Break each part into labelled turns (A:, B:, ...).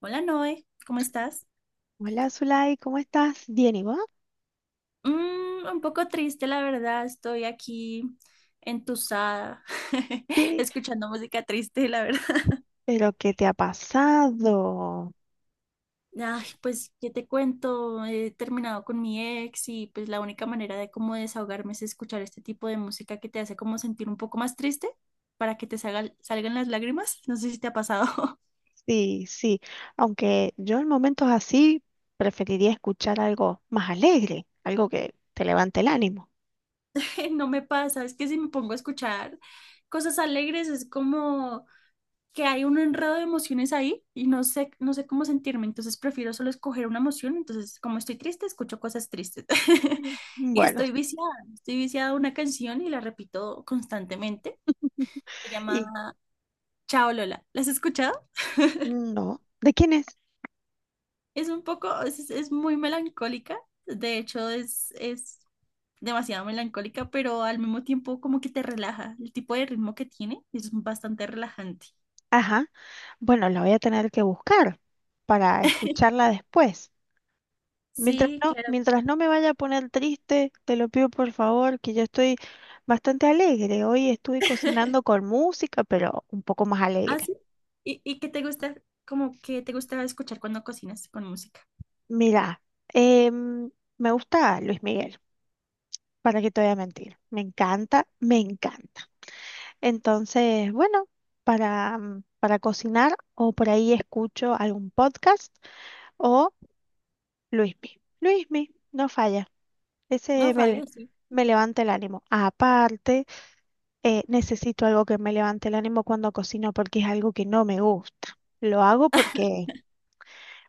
A: Hola Noé, ¿cómo estás?
B: Hola, Zulay, ¿cómo estás? Bien, ¿y vos?
A: Mm, un poco triste, la verdad. Estoy aquí entusada,
B: ¿Qué?
A: escuchando música triste, la verdad.
B: ¿Pero qué te ha pasado?
A: Ay, pues, ¿qué te cuento? He terminado con mi ex y pues la única manera de cómo desahogarme es escuchar este tipo de música que te hace como sentir un poco más triste para que salgan las lágrimas. No sé si te ha pasado.
B: Sí, sí, aunque yo en momentos así preferiría escuchar algo más alegre, algo que te levante el ánimo.
A: No me pasa, es que si me pongo a escuchar cosas alegres es como que hay un enredo de emociones ahí y no sé cómo sentirme, entonces prefiero solo escoger una emoción, entonces como estoy triste, escucho cosas tristes.
B: Mm.
A: Y
B: Bueno,
A: estoy viciada a una canción y la repito constantemente, se
B: y
A: llama Chao Lola, ¿la has escuchado?
B: no, ¿de quién es?
A: Es un poco, es muy melancólica, de hecho es demasiado melancólica, pero al mismo tiempo como que te relaja, el tipo de ritmo que tiene es bastante relajante.
B: Ajá, bueno, la voy a tener que buscar para escucharla después. Mientras
A: Sí,
B: no,
A: claro.
B: mientras no me vaya a poner triste, te lo pido por favor, que yo estoy bastante alegre. Hoy estuve cocinando con música, pero un poco más
A: Ah,
B: alegre.
A: sí. ¿Y qué te gusta, como que te gusta escuchar cuando cocinas con música?
B: Mira, em, me gusta Luis Miguel, para que te voy a mentir. Me encanta, me encanta. Entonces, bueno, para cocinar o por ahí escucho algún podcast o Luismi. Luismi, no falla.
A: No
B: Ese me,
A: falla,
B: le-
A: sí.
B: Me levanta el ánimo. Aparte, necesito algo que me levante el ánimo cuando cocino porque es algo que no me gusta.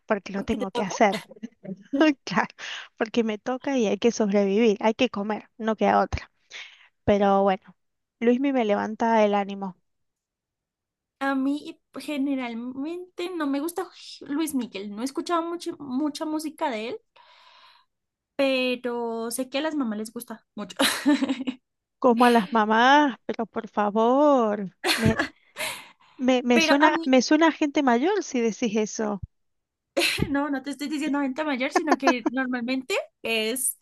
B: Porque lo
A: ¿Por qué te
B: tengo que
A: toca?
B: hacer. Claro, porque me toca y hay que sobrevivir, hay que comer, no queda otra. Pero bueno, Luismi me levanta el ánimo.
A: A mí generalmente no me gusta Luis Miguel. No he escuchado mucho, mucha música de él, pero sé que a las mamás les gusta mucho.
B: Como a las mamás, pero por favor,
A: Pero a mí
B: me suena a gente mayor si decís eso.
A: no, no te estoy diciendo gente mayor, sino que normalmente es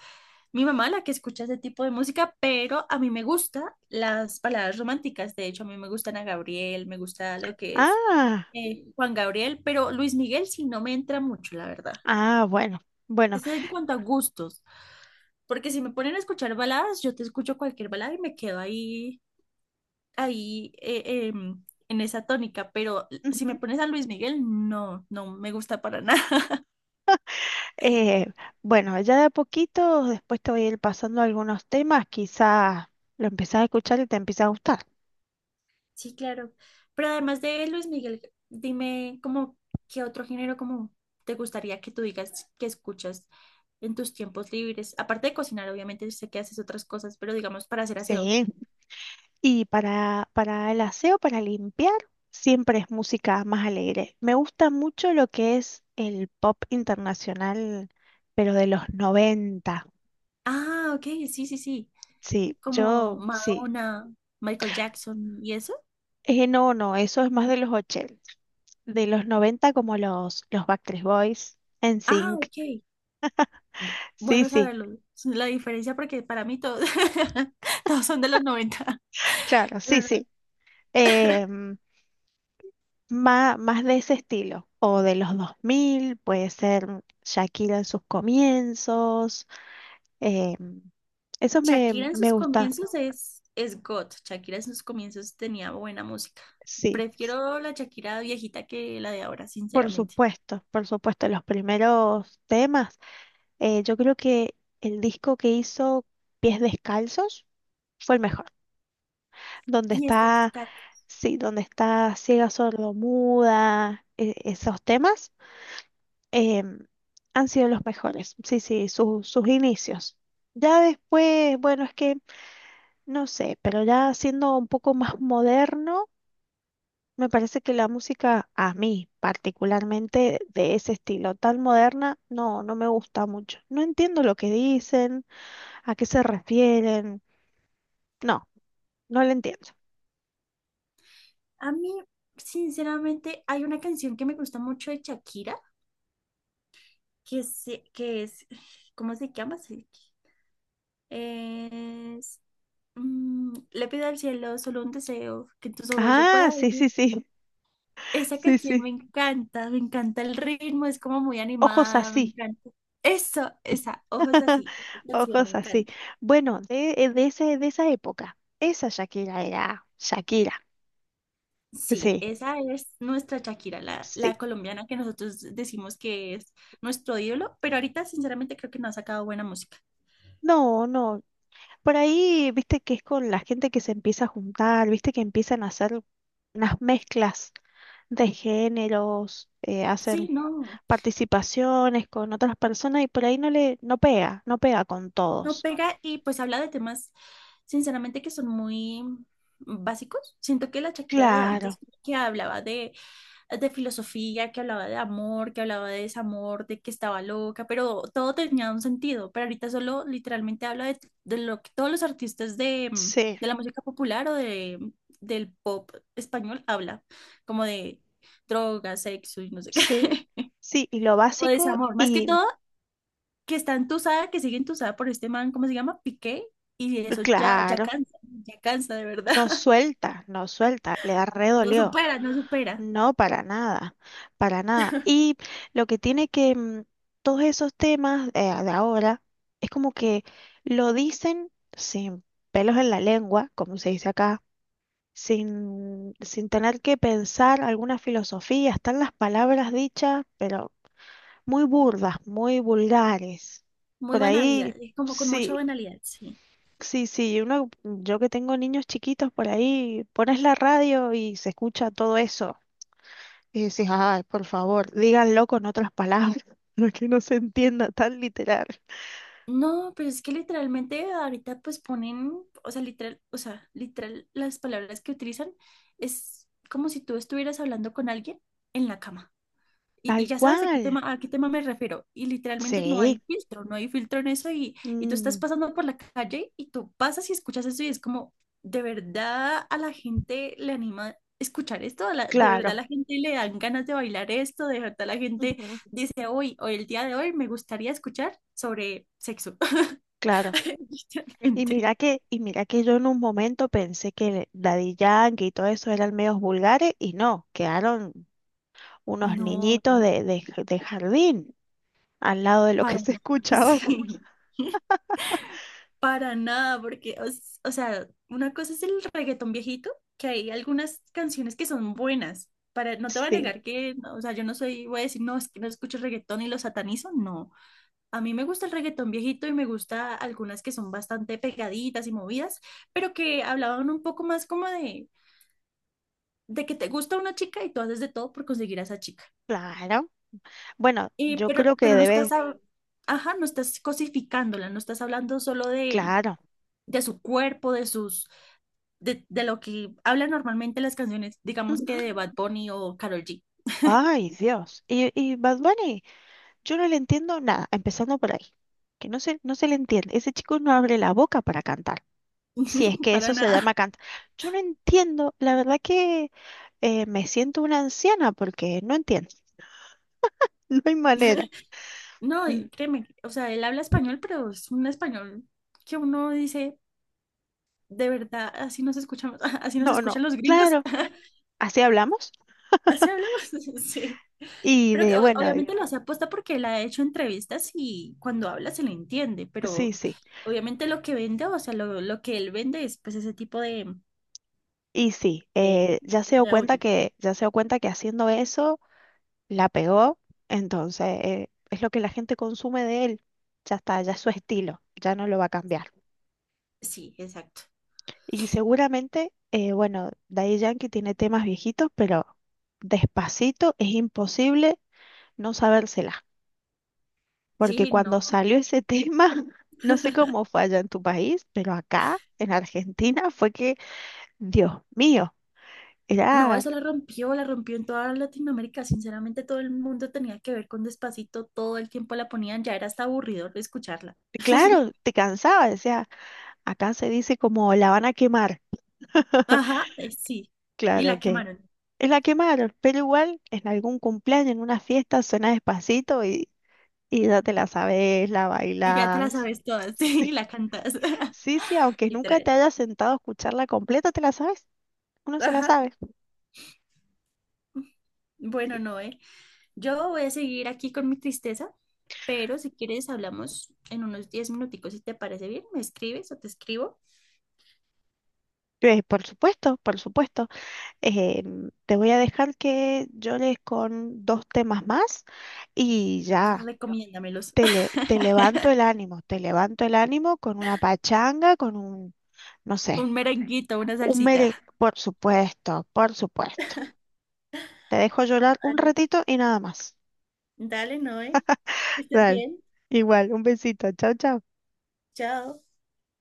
A: mi mamá la que escucha ese tipo de música, pero a mí me gustan las baladas románticas. De hecho, a mí me gustan a Gabriel, me gusta lo que es
B: Ah,
A: Juan Gabriel, pero Luis Miguel sí no me entra mucho, la verdad.
B: ah, bueno, bueno.
A: Es en cuanto a gustos, porque si me ponen a escuchar baladas, yo te escucho cualquier balada y me quedo ahí, ahí en esa tónica, pero si me
B: Ujú.
A: pones a Luis Miguel, no, no me gusta para nada.
B: Eh, bueno, ya de a poquito, después te voy a ir pasando algunos temas, quizás lo empezás a escuchar y te empieza a gustar.
A: Sí, claro. Pero además de Luis Miguel, dime como qué otro género como te gustaría que tú digas que escuchas en tus tiempos libres. Aparte de cocinar, obviamente sé que haces otras cosas, pero digamos para hacer aseo.
B: Sí. Y para el aseo, para limpiar, siempre es música más alegre. Me gusta mucho lo que es el pop internacional, pero de los noventa.
A: Ah, ok, sí, sí, sí.
B: Sí,
A: Como
B: yo sí.
A: Madonna, Michael Jackson y eso.
B: No, no, eso es más de los ochenta. De los 90 como los Backstreet Boys,
A: Ah,
B: NSYNC.
A: ok.
B: Sí,
A: Bueno
B: sí,
A: saberlo. La diferencia porque para mí todos, todos son de los noventa.
B: claro,
A: Pero
B: sí, sí. Em, Más, de ese estilo. O de los 2000 puede ser Shakira en sus comienzos. Eh,
A: Shakira en
B: me
A: sus
B: gusta,
A: comienzos es God. Shakira en sus comienzos tenía buena música.
B: sí,
A: Prefiero la Shakira viejita que la de ahora, sinceramente.
B: por supuesto, los primeros temas. Yo creo que el disco que hizo Pies Descalzos fue el mejor, donde
A: Y este
B: está,
A: fiscal.
B: sí, donde está Ciega Sordomuda, esos temas em, han sido los mejores, sí, sí, sus inicios. Ya después, bueno, es que no sé, pero ya siendo un poco más moderno. Me parece que la música, a mí particularmente, de ese estilo tan moderna, no, no me gusta mucho. No entiendo lo que dicen, a qué se refieren. No, no lo entiendo.
A: A mí, sinceramente, hay una canción que me gusta mucho de Shakira, que, se, que es, ¿cómo se llama? Es, le pido al cielo solo un deseo, que en tus ojos yo
B: Ah,
A: pueda
B: sí,
A: ver.
B: sí, sí,
A: Esa
B: sí,
A: canción
B: sí.
A: me encanta el ritmo, es como muy
B: Ojos
A: animada, me
B: así,
A: encanta. Eso, esa, ojos así, esa canción me
B: ojos así.
A: encanta.
B: Bueno, de esa época, esa Shakira era Shakira.
A: Sí,
B: Sí,
A: esa es nuestra Shakira, la,
B: sí.
A: la colombiana que nosotros decimos que es nuestro ídolo, pero ahorita sinceramente creo que no ha sacado buena música.
B: No, no, por ahí, viste que es con la gente que se empieza a juntar, viste que empiezan a hacer unas mezclas de géneros,
A: Sí,
B: hacen
A: no,
B: participaciones con otras personas y por ahí no pega, no pega con
A: no
B: todos.
A: pega y pues habla de temas sinceramente que son muy básicos. Siento que la Shakira de
B: Claro,
A: antes que hablaba de filosofía, que hablaba de amor, que hablaba de desamor, de que estaba loca, pero todo tenía un sentido. Pero ahorita solo literalmente habla de lo que todos los artistas de,
B: sí,
A: de la música popular o de, del pop español habla, como de drogas, sexo y no sé qué.
B: sí, sí, y lo
A: O
B: básico
A: desamor, más que
B: y
A: todo, que está entusada, que sigue entusada por este man, ¿cómo se llama? Piqué, y eso ya,
B: claro,
A: ya cansa de verdad.
B: no suelta, no suelta, le da re
A: No
B: dolió.
A: supera, no supera.
B: No, para nada, para nada. Y lo que tiene que mm, todos esos temas de ahora es como que lo dicen sin pelos en la lengua, como se dice acá, sin tener que pensar alguna filosofía. Están las palabras dichas, pero muy burdas, muy vulgares.
A: Muy
B: Por ahí,
A: banalidad, es como con mucha
B: sí,
A: banalidad, sí.
B: sí, sí. Uno, yo que tengo niños chiquitos, por ahí pones la radio y se escucha todo eso. Y decís, ay, por favor, díganlo con otras palabras, para que no se entienda tan literal.
A: No, pero es que literalmente ahorita pues ponen, o sea, literal, las palabras que utilizan es como si tú estuvieras hablando con alguien en la cama. Y
B: Tal
A: ya sabes
B: cual.
A: a qué tema me refiero. Y literalmente no
B: Sí.
A: hay filtro, no hay filtro en eso. Y tú estás
B: Mm,
A: pasando por la calle y tú pasas y escuchas eso y es como, ¿de verdad a la gente le anima escuchar esto? ¿De verdad a
B: claro.
A: la gente le dan ganas de bailar esto? ¿De verdad la gente
B: Ujú.
A: dice, hoy, hoy el día de hoy me gustaría escuchar sobre sexo?
B: Claro. Y
A: Literalmente.
B: mira que, y mira que yo en un momento pensé que Daddy Yankee y todo eso eran medios vulgares, y no, quedaron unos
A: No,
B: niñitos de jardín al lado de lo que
A: para
B: se
A: nada.
B: escucha ahora.
A: Sí, para nada, porque, o sea, una cosa es el reggaetón viejito, que hay algunas canciones que son buenas. Para, no te voy a
B: Sí,
A: negar que, no, o sea, yo no soy, voy a decir, no, es que no escucho reggaetón y lo satanizo, no. A mí me gusta el reggaetón viejito y me gusta algunas que son bastante pegaditas y movidas, pero que hablaban un poco más como de que te gusta una chica y tú haces de todo por conseguir a esa chica.
B: claro. Bueno,
A: Eh,
B: yo
A: pero,
B: creo que
A: pero no estás,
B: debe,
A: ajá, no estás cosificándola, no estás hablando solo
B: claro.
A: de su cuerpo, de sus, de lo que hablan normalmente las canciones, digamos
B: Ujú.
A: que de Bad Bunny o Karol G,
B: Ay, Dios. ¿Y Bad Bunny? Yo no le entiendo nada, empezando por ahí, que no se le entiende. Ese chico no abre la boca para cantar, si es que
A: para
B: eso se
A: nada.
B: llama cantar. Yo no entiendo, la verdad que me siento una anciana porque no entiendo, no hay manera.
A: No,
B: Mm.
A: y créeme, o sea, él habla español, pero es un español que uno dice, de verdad, así nos escuchamos, así nos
B: No, no,
A: escuchan los gringos.
B: claro, así hablamos.
A: Así hablamos, sí.
B: Y
A: Pero que,
B: de, bueno,
A: obviamente lo hace aposta porque él ha hecho entrevistas y cuando habla se le entiende,
B: sí,
A: pero
B: sí,
A: obviamente lo que vende, o sea, lo que él vende es pues ese tipo
B: y sí,
A: de,
B: ya se dio
A: de
B: cuenta
A: audio.
B: que, ya se dio cuenta que haciendo eso la pegó, entonces es lo que la gente consume de él. Ya está, ya es su estilo, ya no lo va a cambiar.
A: Sí, exacto.
B: Y seguramente, bueno, Daddy Yankee tiene temas viejitos, pero Despacito es imposible no sabérsela, porque
A: Sí, no.
B: cuando salió ese tema, no sé cómo fue allá en tu país, pero acá, en Argentina, fue que, Dios mío,
A: No,
B: era,
A: eso la rompió en toda Latinoamérica. Sinceramente, todo el mundo tenía que ver con Despacito, todo el tiempo la ponían, ya era hasta aburrido escucharla.
B: claro, te cansaba, decía, acá se dice como la van a quemar,
A: Ajá, sí. Y
B: claro
A: la
B: que
A: quemaron.
B: es la quemaron, pero igual en algún cumpleaños, en una fiesta, suena Despacito y ya te la sabes, la
A: Y ya te la
B: bailás.
A: sabes todas, sí, y la cantas.
B: Sí, sí, aunque nunca
A: Literal.
B: te hayas sentado a escucharla completa, ¿te la sabes? Uno se la
A: Ajá.
B: sabe.
A: Bueno, Noé, yo voy a seguir aquí con mi tristeza, pero si quieres hablamos en unos 10 minuticos, si te parece bien, me escribes o te escribo,
B: Por supuesto, por supuesto. Eh, te voy a dejar que llores con 2 temas más y ya,
A: recomiéndamelos.
B: te levanto el ánimo, te levanto el ánimo con una pachanga, con un, no
A: Un
B: sé,
A: merenguito, una
B: un
A: salsita.
B: mere... Por supuesto, por supuesto. Te dejo llorar un
A: Dale,
B: ratito y nada más.
A: dale, Noé. Que estés
B: Dale,
A: bien.
B: igual, un besito. Chao, chao.
A: Chao.